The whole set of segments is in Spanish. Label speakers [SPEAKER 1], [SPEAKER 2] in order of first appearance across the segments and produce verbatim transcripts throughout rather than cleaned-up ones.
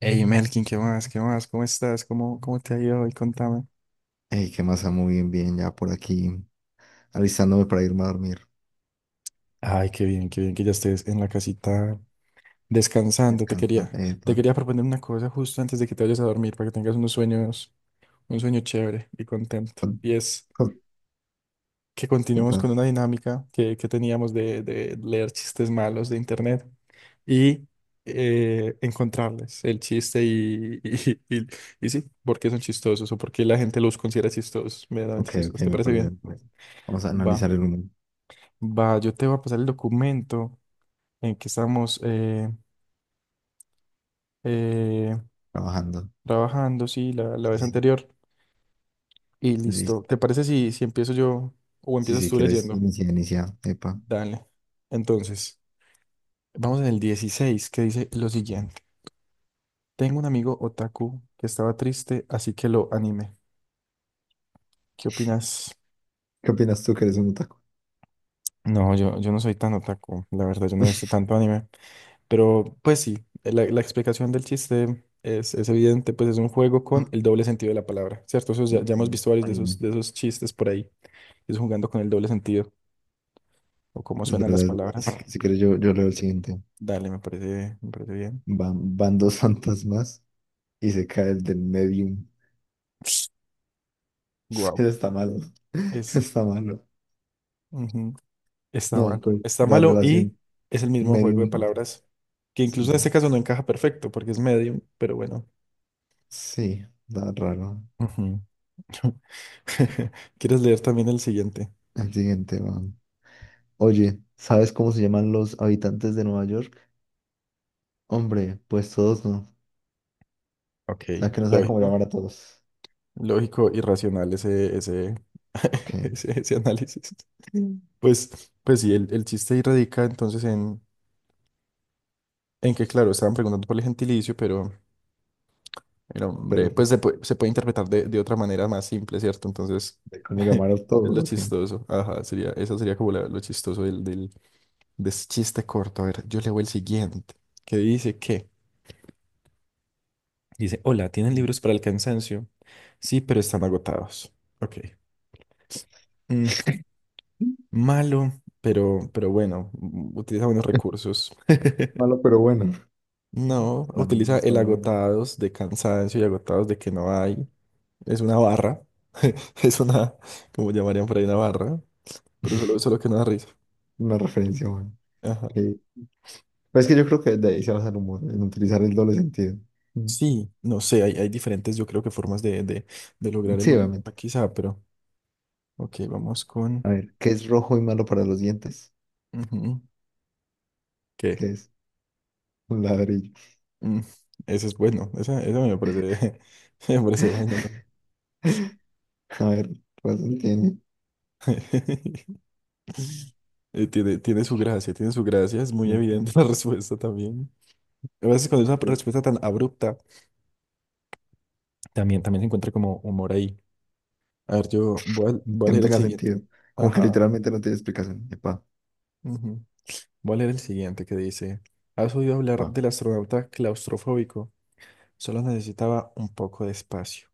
[SPEAKER 1] Hey Melkin, ¿qué más? ¿Qué más? ¿Cómo estás? ¿Cómo, cómo te ha ido hoy? Contame.
[SPEAKER 2] Ey, qué masa, muy bien, bien, ya por aquí, alistándome para irme a dormir,
[SPEAKER 1] Ay, qué bien, qué bien que ya estés en la casita descansando. Te
[SPEAKER 2] descansando,
[SPEAKER 1] quería,
[SPEAKER 2] eh,
[SPEAKER 1] te
[SPEAKER 2] pan,
[SPEAKER 1] quería proponer una cosa justo antes de que te vayas a dormir para que tengas unos sueños, un sueño chévere y contento.
[SPEAKER 2] pan,
[SPEAKER 1] Y es
[SPEAKER 2] pan,
[SPEAKER 1] que continuemos con una dinámica que, que teníamos de, de leer chistes malos de internet y eh, encontrarles el chiste y, y, y, y sí, por qué son chistosos o por qué la gente los considera chistosos, medianamente
[SPEAKER 2] Ok, ok,
[SPEAKER 1] chistosos. ¿Te
[SPEAKER 2] me
[SPEAKER 1] parece
[SPEAKER 2] parece,
[SPEAKER 1] bien?
[SPEAKER 2] me parece. Vamos a
[SPEAKER 1] Va.
[SPEAKER 2] analizar el humor,
[SPEAKER 1] Va, yo te voy a pasar el documento en que estamos eh, eh,
[SPEAKER 2] trabajando,
[SPEAKER 1] trabajando, sí, la, la
[SPEAKER 2] sí,
[SPEAKER 1] vez
[SPEAKER 2] sí,
[SPEAKER 1] anterior. Y listo.
[SPEAKER 2] listo,
[SPEAKER 1] ¿Te parece si, si empiezo yo o
[SPEAKER 2] sí,
[SPEAKER 1] empiezas
[SPEAKER 2] sí,
[SPEAKER 1] tú
[SPEAKER 2] quieres,
[SPEAKER 1] leyendo?
[SPEAKER 2] iniciar, inicia, epa,
[SPEAKER 1] Dale. Entonces, vamos en el dieciséis que dice lo siguiente. Tengo un amigo otaku que estaba triste, así que lo animé. ¿Qué opinas?
[SPEAKER 2] ¿qué opinas tú que eres un otaku?
[SPEAKER 1] No, yo, yo no soy tan otaku, la verdad, yo no he visto tanto anime. Pero pues sí, la, la explicación del chiste es, es evidente, pues es un juego con
[SPEAKER 2] Ah,
[SPEAKER 1] el doble sentido de la palabra, ¿cierto? Eso ya, ya hemos visto varios de esos,
[SPEAKER 2] Anime.
[SPEAKER 1] de esos chistes por ahí, es jugando con el doble sentido o cómo
[SPEAKER 2] Es
[SPEAKER 1] suenan las
[SPEAKER 2] verdad, es
[SPEAKER 1] palabras.
[SPEAKER 2] verdad, si, si quieres yo, yo leo el siguiente,
[SPEAKER 1] Dale, me parece, me parece bien.
[SPEAKER 2] van, van dos fantasmas y se cae el del medium.
[SPEAKER 1] Guau.
[SPEAKER 2] Eso está malo.
[SPEAKER 1] Es,
[SPEAKER 2] Está malo,
[SPEAKER 1] ujú, está malo.
[SPEAKER 2] no, pues,
[SPEAKER 1] Está
[SPEAKER 2] la
[SPEAKER 1] malo y
[SPEAKER 2] relación
[SPEAKER 1] es el mismo juego de
[SPEAKER 2] medium-fantasma.
[SPEAKER 1] palabras que
[SPEAKER 2] Sí,
[SPEAKER 1] incluso en
[SPEAKER 2] sí.
[SPEAKER 1] este caso no encaja perfecto porque es medium, pero bueno.
[SPEAKER 2] Sí, da raro.
[SPEAKER 1] Ujú. ¿Quieres leer también el siguiente?
[SPEAKER 2] El siguiente va. Oye, ¿sabes cómo se llaman los habitantes de Nueva York? Hombre, pues todos no.
[SPEAKER 1] Ok,
[SPEAKER 2] O sea, que no sabe cómo
[SPEAKER 1] lógico.
[SPEAKER 2] llamar a todos.
[SPEAKER 1] Lógico, irracional ese, ese,
[SPEAKER 2] Ok,
[SPEAKER 1] ese, ese análisis. Mm. Pues, pues sí, el, el chiste ahí radica entonces en, en que, claro, estaban preguntando por el gentilicio, pero el hombre,
[SPEAKER 2] pero
[SPEAKER 1] pues se puede, se puede interpretar de, de otra manera más simple, ¿cierto? Entonces,
[SPEAKER 2] ¿de cómo
[SPEAKER 1] es
[SPEAKER 2] llamar a todos?
[SPEAKER 1] lo
[SPEAKER 2] Ok.
[SPEAKER 1] chistoso. Ajá, sería, eso sería como la- lo chistoso del, del, de ese chiste corto. A ver, yo leo el siguiente, que dice que, dice, hola, ¿tienen
[SPEAKER 2] Mm.
[SPEAKER 1] libros para el cansancio? Sí, pero están agotados. Ok. Malo, pero, pero bueno, mm, utiliza buenos recursos.
[SPEAKER 2] Malo, pero bueno.
[SPEAKER 1] No,
[SPEAKER 2] No,
[SPEAKER 1] utiliza
[SPEAKER 2] está
[SPEAKER 1] el
[SPEAKER 2] bueno.
[SPEAKER 1] agotados de cansancio y agotados de que no hay. Es una barra. Es una, como llamarían por ahí, una barra. Pero solo, solo que no da risa.
[SPEAKER 2] Una referencia buena.
[SPEAKER 1] Ajá.
[SPEAKER 2] Ok. Pero es que yo creo que de ahí se basa el humor, en utilizar el doble sentido. Mm.
[SPEAKER 1] Sí, no sé, hay, hay diferentes, yo creo que formas de, de, de lograr el
[SPEAKER 2] Sí, obviamente.
[SPEAKER 1] humor, quizá, pero. Ok, vamos con.
[SPEAKER 2] A ver, ¿qué es rojo y malo para los dientes?
[SPEAKER 1] Ujú, ¿qué?
[SPEAKER 2] ¿Qué es? Un ladrillo.
[SPEAKER 1] Mm, ese es bueno. Esa, esa me parece, me parece bueno.
[SPEAKER 2] A ver, pues tiene.
[SPEAKER 1] Eh, tiene, tiene su gracia, tiene su gracia, es muy evidente la respuesta también. A veces cuando es una respuesta tan abrupta, también, también se encuentra como humor ahí. A ver, yo voy a, voy a
[SPEAKER 2] Que no
[SPEAKER 1] leer el
[SPEAKER 2] tenga
[SPEAKER 1] siguiente.
[SPEAKER 2] sentido. Como que
[SPEAKER 1] Ajá.
[SPEAKER 2] literalmente no tiene explicación. Epa,
[SPEAKER 1] Ujú. Voy a leer el siguiente que dice, ¿has oído hablar
[SPEAKER 2] pa.
[SPEAKER 1] del astronauta claustrofóbico? Solo necesitaba un poco de espacio.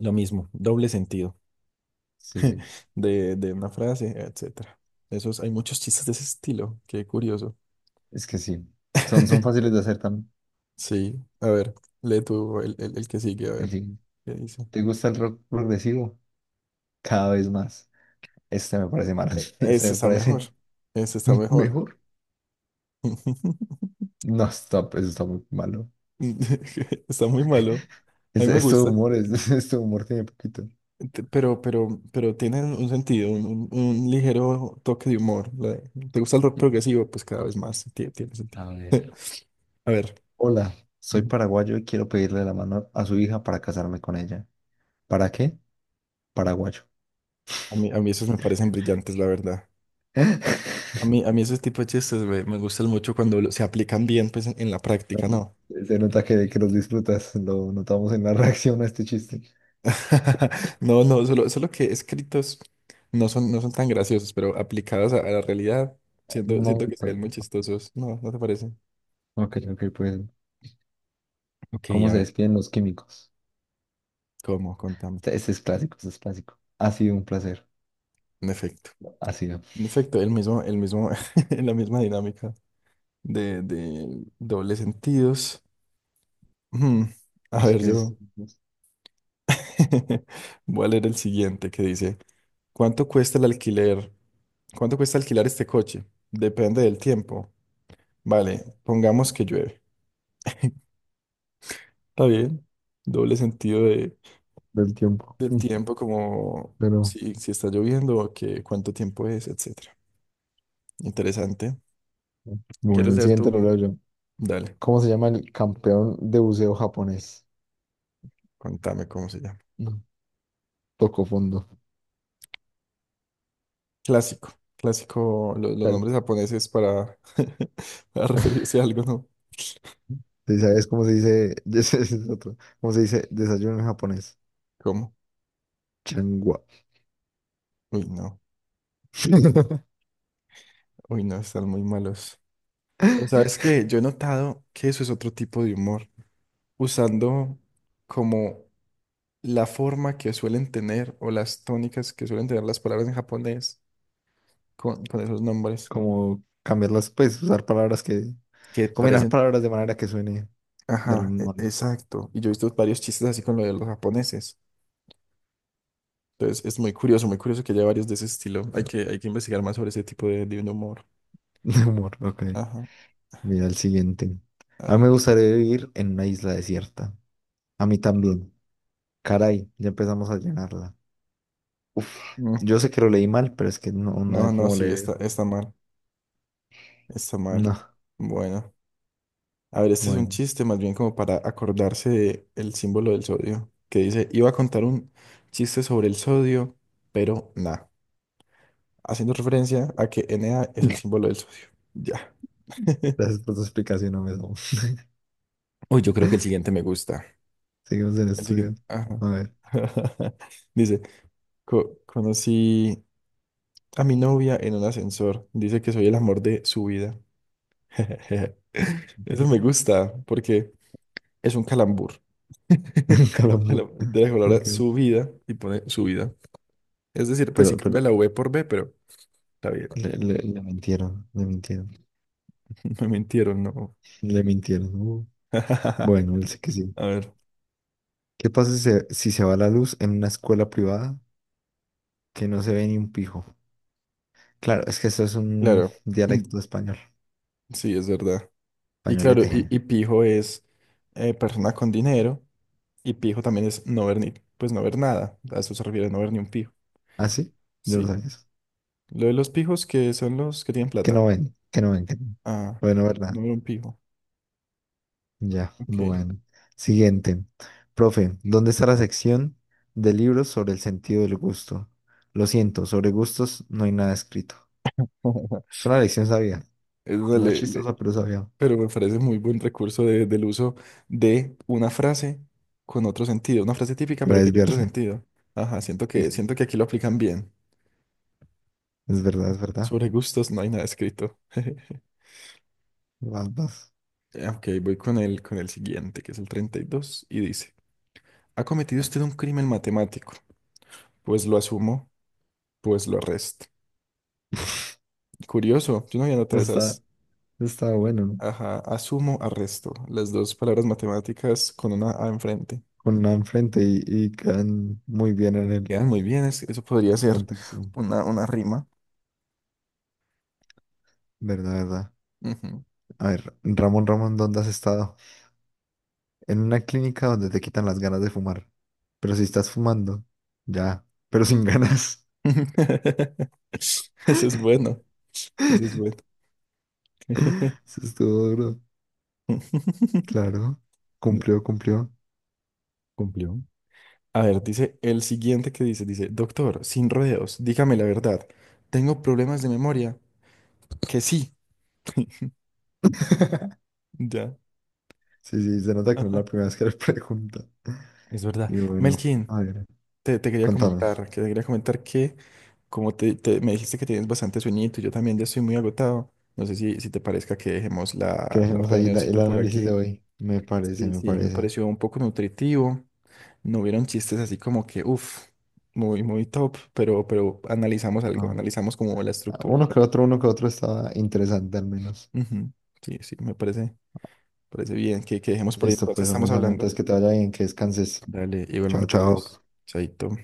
[SPEAKER 1] Lo mismo, doble sentido
[SPEAKER 2] Sí, sí.
[SPEAKER 1] de, de una frase, etcétera. Esos, hay muchos chistes de ese estilo, qué curioso.
[SPEAKER 2] Es que sí. Son, son fáciles de hacer también.
[SPEAKER 1] Sí, a ver, lee tú el, el, el que sigue, a
[SPEAKER 2] En
[SPEAKER 1] ver.
[SPEAKER 2] fin,
[SPEAKER 1] ¿Qué dice?
[SPEAKER 2] ¿te gusta el rock progresivo? Cada vez más. Este me parece malo.
[SPEAKER 1] E-
[SPEAKER 2] Este
[SPEAKER 1] Ese
[SPEAKER 2] me
[SPEAKER 1] está mejor.
[SPEAKER 2] parece
[SPEAKER 1] Ese está mejor.
[SPEAKER 2] mejor. No, stop, eso está muy malo.
[SPEAKER 1] Está muy malo. A
[SPEAKER 2] Es,
[SPEAKER 1] mí me
[SPEAKER 2] es todo
[SPEAKER 1] gusta.
[SPEAKER 2] humor, es, es todo humor tiene poquito.
[SPEAKER 1] Te- Pero, pero, pero tiene un sentido, un, un- un ligero toque de humor. La- ¿Te gusta el rock progresivo? Pues cada vez más tiene tiene, sentido.
[SPEAKER 2] A ver.
[SPEAKER 1] A ver,
[SPEAKER 2] Hola, soy
[SPEAKER 1] ujú.
[SPEAKER 2] paraguayo y quiero pedirle la mano a su hija para casarme con ella. ¿Para qué? Paraguayo.
[SPEAKER 1] a mí, a mí esos me parecen brillantes, la verdad. A mí, a mí esos tipos de chistes me, me gustan mucho cuando lo- se aplican bien pues, en, en la práctica, ¿no?
[SPEAKER 2] Se nota que, que los disfrutas, lo notamos en la reacción a este chiste.
[SPEAKER 1] No, no, solo, solo que escritos no son, no son tan graciosos, pero aplicados a, a la realidad,
[SPEAKER 2] Un
[SPEAKER 1] siento, siento que se
[SPEAKER 2] momento.
[SPEAKER 1] ven muy chistosos. No, ¿no te parece?
[SPEAKER 2] Ok, ok, pues,
[SPEAKER 1] Ok,
[SPEAKER 2] ¿cómo
[SPEAKER 1] a
[SPEAKER 2] se
[SPEAKER 1] ver,
[SPEAKER 2] despiden los químicos?
[SPEAKER 1] ¿cómo? Contame.
[SPEAKER 2] Este, este es clásico, este es clásico. Ha sido un placer,
[SPEAKER 1] En efecto.
[SPEAKER 2] ha sido.
[SPEAKER 1] En efecto, el mismo, el mismo, la misma dinámica de, de dobles sentidos. Mm, a
[SPEAKER 2] Así
[SPEAKER 1] ver,
[SPEAKER 2] que es
[SPEAKER 1] yo voy a leer el siguiente que dice, ¿cuánto cuesta el alquiler? ¿Cuánto cuesta alquilar este coche? Depende del tiempo. Vale, pongamos que llueve. Está bien. Doble sentido de,
[SPEAKER 2] del tiempo.
[SPEAKER 1] del tiempo, como
[SPEAKER 2] Pero
[SPEAKER 1] si, si está lloviendo o que, cuánto tiempo es, etcétera. Interesante.
[SPEAKER 2] bueno,
[SPEAKER 1] ¿Quieres
[SPEAKER 2] el
[SPEAKER 1] leer
[SPEAKER 2] siguiente
[SPEAKER 1] tú?
[SPEAKER 2] lo leo yo.
[SPEAKER 1] Dale,
[SPEAKER 2] ¿Cómo se llama el campeón de buceo japonés?
[SPEAKER 1] contame cómo se llama.
[SPEAKER 2] No, tocó fondo.
[SPEAKER 1] Clásico. Clásico, lo- los
[SPEAKER 2] Claro.
[SPEAKER 1] nombres japoneses para, para referirse a algo, ¿no?
[SPEAKER 2] Sí, ¿sabes cómo se dice? Ese es otro. ¿Cómo se dice desayuno en japonés?
[SPEAKER 1] ¿Cómo?
[SPEAKER 2] Changua.
[SPEAKER 1] Uy, no. Uy, no, están muy malos. Pero sabes que yo he notado que eso es otro tipo de humor, usando como la forma que suelen tener o las tónicas que suelen tener las palabras en japonés con, con esos nombres
[SPEAKER 2] Como cambiarlas, pues usar palabras que,
[SPEAKER 1] que
[SPEAKER 2] combinar
[SPEAKER 1] parecen...
[SPEAKER 2] palabras de manera que suene del
[SPEAKER 1] Ajá,
[SPEAKER 2] mismo
[SPEAKER 1] e-
[SPEAKER 2] hor-
[SPEAKER 1] exacto. Y yo he visto varios chistes así con lo de los japoneses. Entonces es muy curioso, muy curioso que haya varios de ese estilo. Hay que, hay que investigar más sobre ese tipo de, de humor.
[SPEAKER 2] de humor. Ok,
[SPEAKER 1] Ajá,
[SPEAKER 2] mira el siguiente. A mí
[SPEAKER 1] ajá.
[SPEAKER 2] me gustaría vivir en una isla desierta. A mí también. Caray, ya empezamos a llenarla.
[SPEAKER 1] Mm,
[SPEAKER 2] Yo sé que lo leí mal, pero es que no, no hay
[SPEAKER 1] No, no,
[SPEAKER 2] cómo
[SPEAKER 1] sí,
[SPEAKER 2] leer
[SPEAKER 1] está,
[SPEAKER 2] eso.
[SPEAKER 1] está mal, está mal.
[SPEAKER 2] No,
[SPEAKER 1] Bueno, a ver, este es un
[SPEAKER 2] bueno.
[SPEAKER 1] chiste más bien como para acordarse de el símbolo del sodio, que dice, iba a contar un chiste sobre el sodio, pero nada, haciendo referencia a que Na es el símbolo del sodio. Ya.
[SPEAKER 2] Gracias por tu explicación, no me
[SPEAKER 1] Uy, yo creo que el siguiente me gusta.
[SPEAKER 2] seguimos en
[SPEAKER 1] El
[SPEAKER 2] estudio.
[SPEAKER 1] siguiente. Ajá.
[SPEAKER 2] A ver.
[SPEAKER 1] Dice, "Co- conocí a mi novia en un ascensor. Dice que soy el amor de su vida. Eso me gusta porque es un calambur.
[SPEAKER 2] Calambur.
[SPEAKER 1] De la palabra
[SPEAKER 2] Ok.
[SPEAKER 1] su vida y pone su vida. Es decir, pues sí
[SPEAKER 2] Pero,
[SPEAKER 1] cambia
[SPEAKER 2] pero
[SPEAKER 1] la V por B, pero está bien.
[SPEAKER 2] le, le- le mintieron, le mintieron,
[SPEAKER 1] Me mintieron, no.
[SPEAKER 2] le mintieron. Uh, Bueno, él sí que sí.
[SPEAKER 1] A ver,
[SPEAKER 2] ¿Qué pasa si se, si se va la luz en una escuela privada que no se ve ni un pijo? Claro, es que eso es un
[SPEAKER 1] claro. Mm,
[SPEAKER 2] dialecto español,
[SPEAKER 1] sí, es verdad. Y claro, y,
[SPEAKER 2] españolete.
[SPEAKER 1] y pijo es eh, persona con dinero. Y pijo también es no ver ni, pues no ver nada. A eso se refiere, no ver ni un pijo.
[SPEAKER 2] ¿Ah, sí? Yo lo
[SPEAKER 1] Sí.
[SPEAKER 2] sabía. Eso.
[SPEAKER 1] Lo de los pijos que son los que tienen
[SPEAKER 2] Que
[SPEAKER 1] plata.
[SPEAKER 2] no ven, que no ven, que no.
[SPEAKER 1] Ah,
[SPEAKER 2] Bueno, ¿verdad?
[SPEAKER 1] no ver un pijo.
[SPEAKER 2] Ya,
[SPEAKER 1] Ok.
[SPEAKER 2] bueno. Siguiente. Profe, ¿dónde está la sección de libros sobre el sentido del gusto? Lo siento, sobre gustos no hay nada escrito. Es una lección sabia.
[SPEAKER 1] Eso
[SPEAKER 2] No es
[SPEAKER 1] le- le-
[SPEAKER 2] chistosa, pero sabia.
[SPEAKER 1] Pero me parece muy buen recurso de- del uso de una frase con otro sentido. Una frase típica,
[SPEAKER 2] Para
[SPEAKER 1] pero que tiene otro
[SPEAKER 2] desviarse.
[SPEAKER 1] sentido. Ajá, siento
[SPEAKER 2] Sí,
[SPEAKER 1] que,
[SPEAKER 2] sí.
[SPEAKER 1] siento que aquí lo aplican bien.
[SPEAKER 2] Es verdad, es verdad.
[SPEAKER 1] Sobre gustos no hay nada escrito.
[SPEAKER 2] Vas, vas.
[SPEAKER 1] Eh, Ok, voy con el, con el siguiente, que es el treinta y dos y dice, ¿ha cometido usted un crimen matemático? Pues lo asumo, pues lo arresto. Curioso, yo no había notado
[SPEAKER 2] Está,
[SPEAKER 1] esas.
[SPEAKER 2] está bueno, ¿no?
[SPEAKER 1] Ajá, asumo, arresto. Las dos palabras matemáticas con una A enfrente.
[SPEAKER 2] Con la enfrente y, y quedan muy bien en el
[SPEAKER 1] Quedan muy bien, es- eso podría ser
[SPEAKER 2] contexto.
[SPEAKER 1] una, una rima.
[SPEAKER 2] Verdad, verdad.
[SPEAKER 1] Ujú.
[SPEAKER 2] A ver, Ramón, Ramón, ¿dónde has estado? En una clínica donde te quitan las ganas de fumar. Pero si estás fumando, ya, pero sin ganas.
[SPEAKER 1] Eso es bueno, eso es bueno.
[SPEAKER 2] Eso estuvo duro. Claro, cumplió, cumplió.
[SPEAKER 1] Cumplió. A ver, dice el siguiente que dice, dice, doctor, sin rodeos, dígame la verdad, ¿tengo problemas de memoria? Que sí. Ya.
[SPEAKER 2] Sí, sí, se nota que no es
[SPEAKER 1] Ajá.
[SPEAKER 2] la primera vez que le pregunta.
[SPEAKER 1] Es verdad.
[SPEAKER 2] Y bueno,
[SPEAKER 1] Melkin,
[SPEAKER 2] a ver,
[SPEAKER 1] Te, te quería
[SPEAKER 2] contame.
[SPEAKER 1] comentar, que te quería comentar que como te, te- me dijiste que tienes bastante sueñito, yo también ya estoy muy agotado. No sé si, si te parezca que dejemos
[SPEAKER 2] Que
[SPEAKER 1] la, la
[SPEAKER 2] dejemos ahí la- el
[SPEAKER 1] reunioncita por
[SPEAKER 2] análisis
[SPEAKER 1] aquí.
[SPEAKER 2] de hoy. Me parece,
[SPEAKER 1] Sí,
[SPEAKER 2] me
[SPEAKER 1] sí, me
[SPEAKER 2] parece.
[SPEAKER 1] pareció un poco nutritivo. No hubieron chistes así como que, uff, muy, muy top, pero, pero analizamos algo,
[SPEAKER 2] Ah.
[SPEAKER 1] analizamos como la estructura.
[SPEAKER 2] Uno que otro, uno que otro estaba interesante al menos.
[SPEAKER 1] Ujú, sí, sí, me parece, parece bien que, que dejemos por ahí.
[SPEAKER 2] Listo,
[SPEAKER 1] Entonces
[SPEAKER 2] pues, hombre,
[SPEAKER 1] estamos
[SPEAKER 2] Samu,
[SPEAKER 1] hablando.
[SPEAKER 2] entonces que te vaya bien, que descanses.
[SPEAKER 1] Dale,
[SPEAKER 2] Chao,
[SPEAKER 1] igualmente
[SPEAKER 2] chao.
[SPEAKER 1] vos, Chaito.